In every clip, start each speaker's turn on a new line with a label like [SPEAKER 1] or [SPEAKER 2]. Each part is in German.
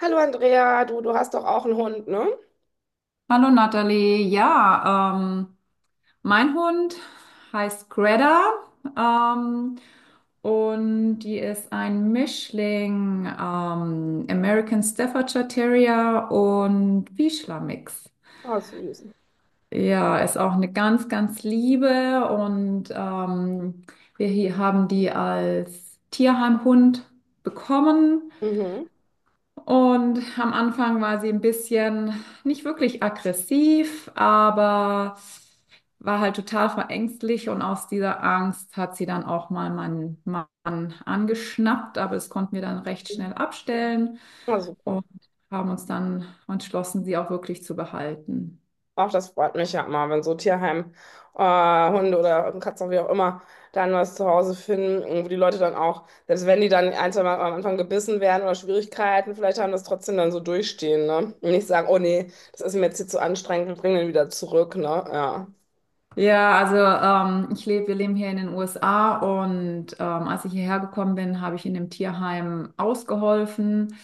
[SPEAKER 1] Hallo Andrea, du hast doch auch einen Hund, ne?
[SPEAKER 2] Hallo Nathalie, ja, mein Hund heißt Greta ähm, und die ist ein Mischling American Staffordshire Terrier und Vizsla Mix.
[SPEAKER 1] Ah, süß.
[SPEAKER 2] Ja, ist auch eine ganz, ganz liebe und wir hier haben die als Tierheimhund bekommen.
[SPEAKER 1] Mhm.
[SPEAKER 2] Und am Anfang war sie ein bisschen nicht wirklich aggressiv, aber war halt total verängstigt und aus dieser Angst hat sie dann auch mal meinen Mann angeschnappt, aber das konnten wir dann recht schnell abstellen
[SPEAKER 1] Ah, super.
[SPEAKER 2] und haben uns dann entschlossen, sie auch wirklich zu behalten.
[SPEAKER 1] Auch das freut mich ja immer, wenn so Hunde oder Katzen, wie auch immer, dann was zu Hause finden, wo die Leute dann auch, selbst wenn die dann ein, zwei Mal am Anfang gebissen werden oder Schwierigkeiten vielleicht haben, das trotzdem dann so durchstehen, ne? Und nicht sagen, oh nee, das ist mir jetzt hier zu anstrengend, wir bringen den wieder zurück, ne? Ja.
[SPEAKER 2] Ja, also ich lebe, wir leben hier in den USA und als ich hierher gekommen bin, habe ich in dem Tierheim ausgeholfen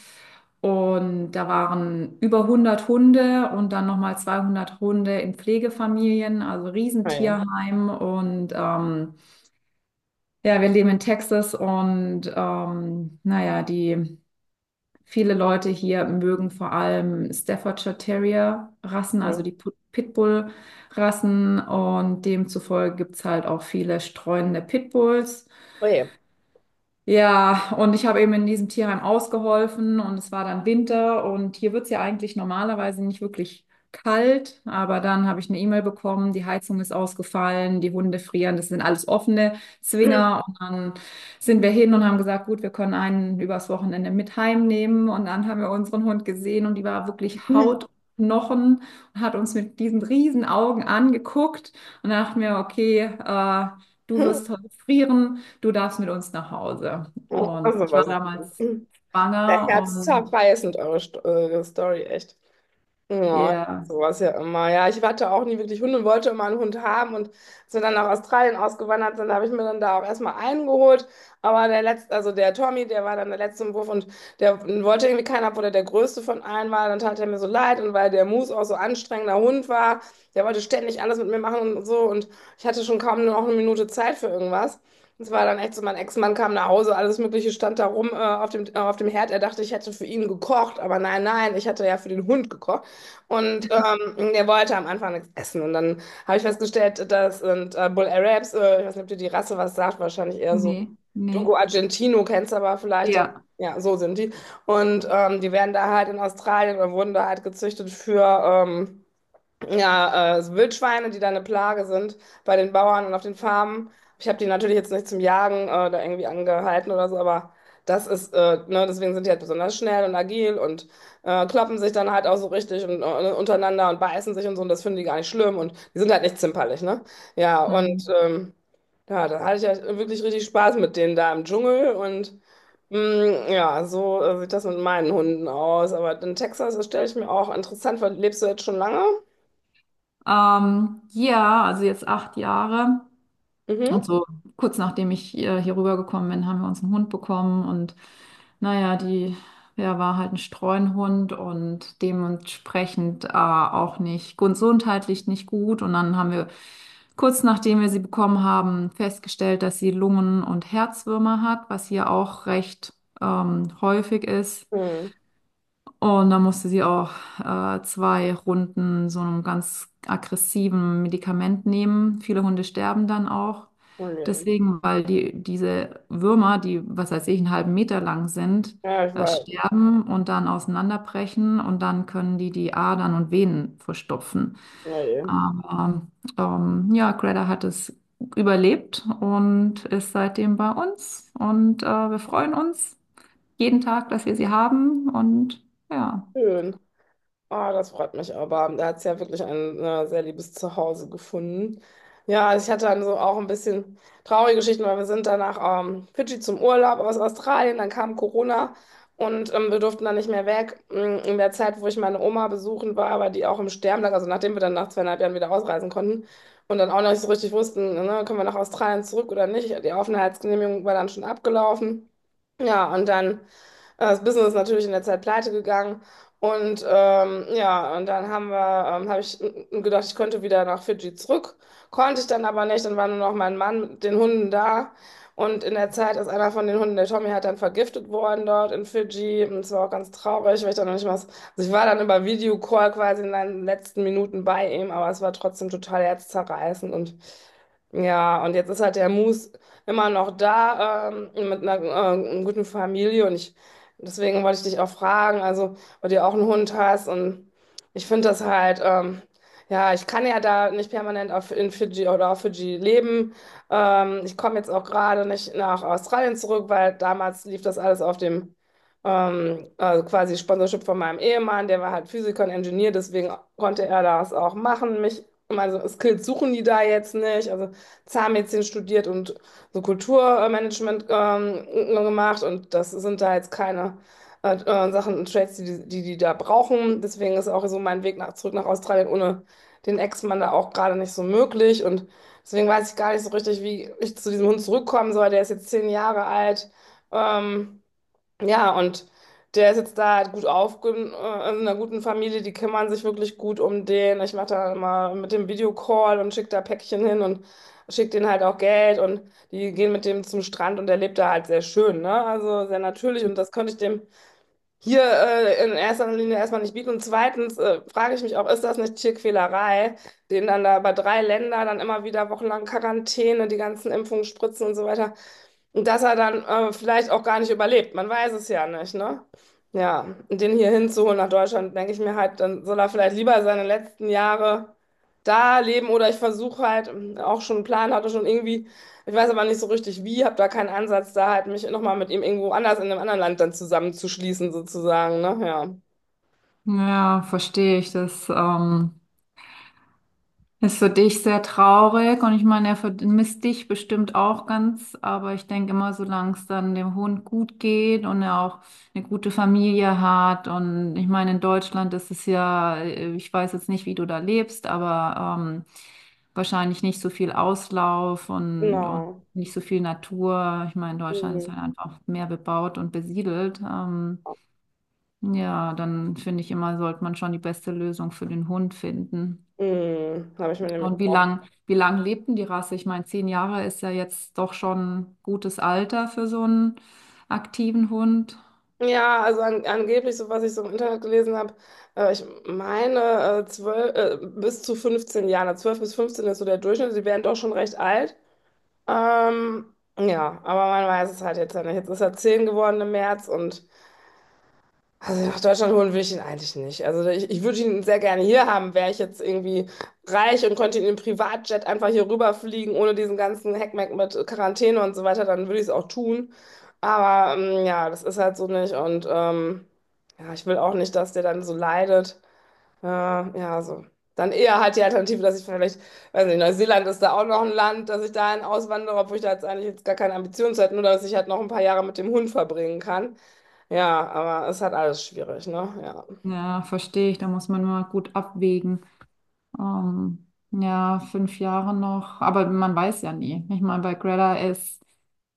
[SPEAKER 2] und da waren über 100 Hunde und dann nochmal 200 Hunde in Pflegefamilien, also
[SPEAKER 1] Oje.
[SPEAKER 2] Riesentierheim und ja, wir leben in Texas und naja, die viele Leute hier mögen vor allem Staffordshire Terrier Rassen, also
[SPEAKER 1] Mhm.
[SPEAKER 2] die Pitbull Rassen und demzufolge gibt es halt auch viele streunende Pitbulls.
[SPEAKER 1] Oje.
[SPEAKER 2] Ja, und ich habe eben in diesem Tierheim ausgeholfen und es war dann Winter und hier wird's ja eigentlich normalerweise nicht wirklich kalt, aber dann habe ich eine E-Mail bekommen, die Heizung ist ausgefallen, die Hunde frieren, das sind alles offene Zwinger. Und dann sind wir hin und haben gesagt, gut, wir können einen übers Wochenende mit heimnehmen, und dann haben wir unseren Hund gesehen und die war wirklich Haut und Knochen und hat uns mit diesen riesen Augen angeguckt, und dann dachten wir, okay, du wirst heute frieren, du darfst mit uns nach Hause. Und
[SPEAKER 1] Also
[SPEAKER 2] ich war
[SPEAKER 1] was.
[SPEAKER 2] damals
[SPEAKER 1] Der
[SPEAKER 2] schwanger
[SPEAKER 1] Herz
[SPEAKER 2] und
[SPEAKER 1] zerreißend, eure Story, echt. Ja, ich mach
[SPEAKER 2] ja,
[SPEAKER 1] sowas ja immer. Ja, ich hatte auch nie wirklich Hunde und wollte immer einen Hund haben. Und als wir dann nach Australien ausgewandert sind, habe ich mir dann da auch erstmal einen geholt. Aber der letzte, also der Tommy, der war dann der letzte im Wurf und der wollte irgendwie keinen, obwohl er der größte von allen war. Dann tat er mir so leid und weil der Moose auch so anstrengender Hund war, der wollte ständig alles mit mir machen und so. Und ich hatte schon kaum noch eine Minute Zeit für irgendwas. Es war dann echt so, mein Ex-Mann kam nach Hause, alles Mögliche stand da rum auf auf dem Herd. Er dachte, ich hätte für ihn gekocht, aber nein, nein, ich hatte ja für den Hund gekocht. Und der wollte am Anfang nichts essen. Und dann habe ich festgestellt, das sind Bull Arabs, ich weiß nicht, ob dir die Rasse was sagt, wahrscheinlich eher so
[SPEAKER 2] nee, nee,
[SPEAKER 1] Dogo Argentino, kennst du aber vielleicht, ja,
[SPEAKER 2] ja.
[SPEAKER 1] ja, so sind die. Und die werden da halt in Australien oder wurden da halt gezüchtet für, ja, so Wildschweine, die da eine Plage sind bei den Bauern und auf den Farmen. Ich habe die natürlich jetzt nicht zum Jagen da irgendwie angehalten oder so, aber das ist, ne, deswegen sind die halt besonders schnell und agil und kloppen sich dann halt auch so richtig und, ne, untereinander und beißen sich und so und das finden die gar nicht schlimm und die sind halt nicht zimperlich, ne? Ja, und
[SPEAKER 2] hm.
[SPEAKER 1] ähm, ja, da hatte ich ja wirklich richtig Spaß mit denen da im Dschungel und ja, so sieht das mit meinen Hunden aus. Aber in Texas, das stelle ich mir auch interessant vor. Lebst du jetzt schon lange?
[SPEAKER 2] Ja, also jetzt 8 Jahre. Und
[SPEAKER 1] Mhm.
[SPEAKER 2] so kurz nachdem ich hier rübergekommen bin, haben wir uns einen Hund bekommen und naja, die, der war halt ein Streunhund und dementsprechend auch nicht gesundheitlich nicht gut. Und dann haben wir kurz nachdem wir sie bekommen haben, festgestellt, dass sie Lungen- und Herzwürmer hat, was hier auch recht häufig ist.
[SPEAKER 1] Hm.
[SPEAKER 2] Und dann musste sie auch zwei Runden so einem ganz aggressiven Medikament nehmen. Viele Hunde sterben dann auch.
[SPEAKER 1] Oh je.
[SPEAKER 2] Deswegen, weil die, diese Würmer, die, was weiß ich, einen halben Meter lang sind,
[SPEAKER 1] Ja, ich weiß.
[SPEAKER 2] sterben und dann auseinanderbrechen und dann können die die Adern und Venen verstopfen.
[SPEAKER 1] Oh je.
[SPEAKER 2] Aber ja, Greta hat es überlebt und ist seitdem bei uns und wir freuen uns jeden Tag, dass wir sie haben und ja.
[SPEAKER 1] Schön. Ah, das freut mich aber. Da hat es ja wirklich ein sehr liebes Zuhause gefunden. Ja, also ich hatte dann so auch ein bisschen traurige Geschichten, weil wir sind dann nach Fidschi zum Urlaub aus Australien, dann kam Corona und wir durften dann nicht mehr weg. In der Zeit, wo ich meine Oma besuchen war, aber die auch im Sterben lag, also nachdem wir dann nach 2,5 Jahren wieder ausreisen konnten und dann auch noch nicht so richtig wussten, ne, können wir nach Australien zurück oder nicht. Die Aufenthaltsgenehmigung war dann schon abgelaufen. Ja, und dann das Business ist natürlich in der Zeit pleite gegangen. Und ja, und dann habe ich gedacht, ich könnte wieder nach Fidschi zurück. Konnte ich dann aber nicht. Dann war nur noch mein Mann mit den Hunden da. Und in der Zeit ist einer von den Hunden, der Tommy, halt dann vergiftet worden dort in Fidschi. Und es war auch ganz traurig, weil ich dann noch nicht mal. Also ich war dann über Videocall quasi in den letzten Minuten bei ihm, aber es war trotzdem total herzzerreißend. Und ja, und jetzt ist halt der Moose immer noch da, mit einer guten Familie und ich, deswegen wollte ich dich auch fragen, also, weil du ja auch einen Hund hast und ich finde das halt, ja, ich kann ja da nicht permanent in Fidschi oder auf Fidschi leben. Ich komme jetzt auch gerade nicht nach Australien zurück, weil damals lief das alles auf dem, also quasi Sponsorship von meinem Ehemann, der war halt Physiker und Ingenieur, deswegen konnte er das auch machen, mich, also Skills suchen die da jetzt nicht, also Zahnmedizin studiert und so Kulturmanagement gemacht und das sind da jetzt keine Sachen und Trades, die die da brauchen. Deswegen ist auch so mein Weg zurück nach Australien ohne den Ex-Mann da auch gerade nicht so möglich und deswegen weiß ich gar nicht so richtig, wie ich zu diesem Hund zurückkommen soll. Der ist jetzt 10 Jahre alt. Ähm, ja, und der ist jetzt da halt gut aufge in einer guten Familie, die kümmern sich wirklich gut um den. Ich mache da immer mit dem Videocall und schicke da Päckchen hin und schicke denen halt auch Geld und die gehen mit dem zum Strand und der lebt da halt sehr schön, ne? Also sehr natürlich und das könnte ich dem hier in erster Linie erstmal nicht bieten. Und zweitens frage ich mich auch, ist das nicht Tierquälerei, den dann da über drei Länder dann immer wieder wochenlang Quarantäne, die ganzen Impfungen, Spritzen und so weiter. Und dass er dann vielleicht auch gar nicht überlebt. Man weiß es ja nicht, ne? Ja, und den hier hinzuholen nach Deutschland, denke ich mir halt, dann soll er vielleicht lieber seine letzten Jahre da leben oder ich versuche halt, auch schon einen Plan hatte, schon irgendwie, ich weiß aber nicht so richtig wie, habe da keinen Ansatz, da halt mich nochmal mit ihm irgendwo anders in einem anderen Land dann zusammenzuschließen, sozusagen, ne? Ja,
[SPEAKER 2] Ja, verstehe ich. Das ist für dich sehr traurig und ich meine, er vermisst dich bestimmt auch ganz, aber ich denke immer, solange es dann dem Hund gut geht und er auch eine gute Familie hat. Und ich meine, in Deutschland ist es ja, ich weiß jetzt nicht, wie du da lebst, aber wahrscheinlich nicht so viel Auslauf und
[SPEAKER 1] genau.
[SPEAKER 2] nicht so viel Natur. Ich meine, Deutschland ist
[SPEAKER 1] Mhm.
[SPEAKER 2] halt einfach mehr bebaut und besiedelt. Ja, dann finde ich immer, sollte man schon die beste Lösung für den Hund finden.
[SPEAKER 1] Mhm. Habe ich mir nämlich.
[SPEAKER 2] Und wie lang lebt denn die Rasse? Ich meine, 10 Jahre ist ja jetzt doch schon gutes Alter für so einen aktiven Hund.
[SPEAKER 1] Ja, also angeblich, so was ich so im Internet gelesen habe, ich meine 12, bis zu 15 Jahren, also 12 bis 15 ist so der Durchschnitt, die werden doch schon recht alt. Ähm, ja, aber man weiß es halt jetzt ja nicht. Jetzt ist er 10 geworden im März und also nach Deutschland holen will ich ihn eigentlich nicht. Also ich würde ihn sehr gerne hier haben, wäre ich jetzt irgendwie reich und könnte in einem Privatjet einfach hier rüberfliegen, ohne diesen ganzen Heckmeck mit Quarantäne und so weiter, dann würde ich es auch tun. Aber ja, das ist halt so nicht und ja, ich will auch nicht, dass der dann so leidet. Ja, so. Dann eher halt die Alternative, dass ich vielleicht, weiß nicht, Neuseeland ist da auch noch ein Land, dass ich dahin auswandere, obwohl ich da jetzt eigentlich jetzt gar keine Ambitionen zu hätte, nur dass ich halt noch ein paar Jahre mit dem Hund verbringen kann. Ja, aber es ist halt alles schwierig, ne? Ja.
[SPEAKER 2] Ja, verstehe ich. Da muss man mal gut abwägen. Ja, 5 Jahre noch. Aber man weiß ja nie. Ich meine, bei Greta ist,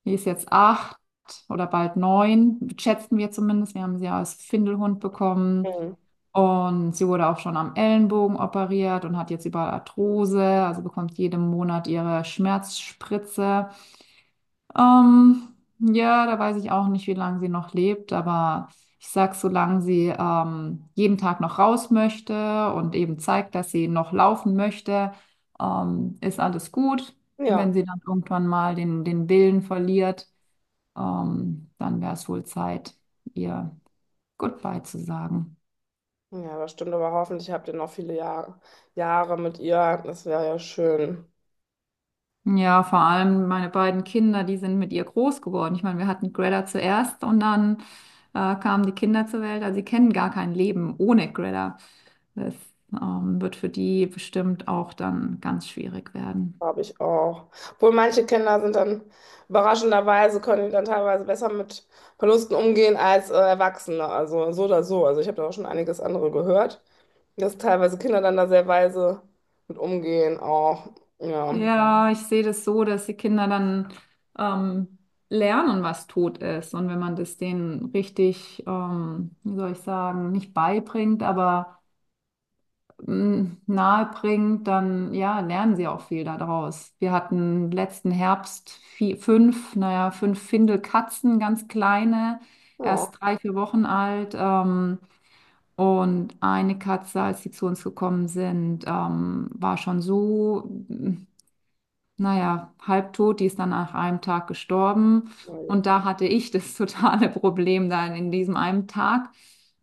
[SPEAKER 2] die ist jetzt acht oder bald neun, schätzen wir zumindest. Wir haben sie als Findelhund bekommen.
[SPEAKER 1] Mhm.
[SPEAKER 2] Und sie wurde auch schon am Ellenbogen operiert und hat jetzt überall Arthrose, also bekommt jeden Monat ihre Schmerzspritze. Ähm, ja, da weiß ich auch nicht, wie lange sie noch lebt, aber ich sag, solange sie jeden Tag noch raus möchte und eben zeigt, dass sie noch laufen möchte, ist alles gut.
[SPEAKER 1] Ja.
[SPEAKER 2] Wenn sie dann irgendwann mal den, den Willen verliert, dann wäre es wohl Zeit, ihr Goodbye zu sagen.
[SPEAKER 1] Ja, das stimmt, aber hoffentlich habt ihr noch viele Jahre mit ihr. Das wäre ja schön,
[SPEAKER 2] Ja, vor allem meine beiden Kinder, die sind mit ihr groß geworden. Ich meine, wir hatten Greta zuerst und dann kamen die Kinder zur Welt. Also sie kennen gar kein Leben ohne Greta. Das wird für die bestimmt auch dann ganz schwierig werden.
[SPEAKER 1] glaube ich auch. Obwohl manche Kinder sind dann überraschenderweise, können die dann teilweise besser mit Verlusten umgehen als Erwachsene. Also so oder so. Also ich habe da auch schon einiges andere gehört, dass teilweise Kinder dann da sehr weise mit umgehen auch. Ja.
[SPEAKER 2] Ja, ich sehe das so, dass die Kinder dann ähm, lernen, was Tod ist. Und wenn man das denen richtig, wie soll ich sagen, nicht beibringt, aber m, nahe bringt, dann ja, lernen sie auch viel daraus. Wir hatten letzten Herbst fünf, naja, fünf Findelkatzen, ganz kleine,
[SPEAKER 1] Ja.
[SPEAKER 2] erst 3, 4 Wochen alt. Und eine Katze, als sie zu uns gekommen sind, war schon so. Hm, naja, halbtot, die ist dann nach einem Tag gestorben. Und da hatte ich das totale Problem dann in diesem einen Tag.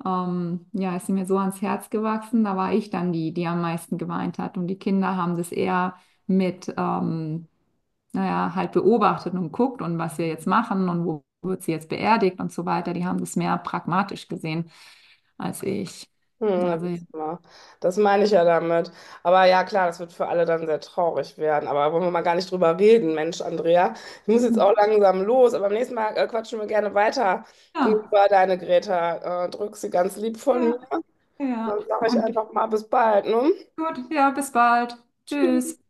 [SPEAKER 2] Ja, ist sie mir so ans Herz gewachsen. Da war ich dann die, die am meisten geweint hat. Und die Kinder haben das eher mit, naja, halt beobachtet und guckt und was wir jetzt machen und wo wird sie jetzt beerdigt und so weiter. Die haben das mehr pragmatisch gesehen als ich.
[SPEAKER 1] Hm, da
[SPEAKER 2] Also,
[SPEAKER 1] wird's immer. Das meine ich ja damit. Aber ja, klar, das wird für alle dann sehr traurig werden. Aber wollen wir mal gar nicht drüber reden, Mensch, Andrea. Ich muss jetzt auch
[SPEAKER 2] ja,
[SPEAKER 1] langsam los, aber beim nächsten Mal quatschen wir gerne weiter
[SPEAKER 2] ja,
[SPEAKER 1] über deine Greta. Drück sie ganz lieb von mir.
[SPEAKER 2] ja.
[SPEAKER 1] Dann
[SPEAKER 2] ja.
[SPEAKER 1] sage ich
[SPEAKER 2] Und
[SPEAKER 1] einfach mal bis bald, ne?
[SPEAKER 2] gut, ja, bis bald.
[SPEAKER 1] Tschüss.
[SPEAKER 2] Tschüss.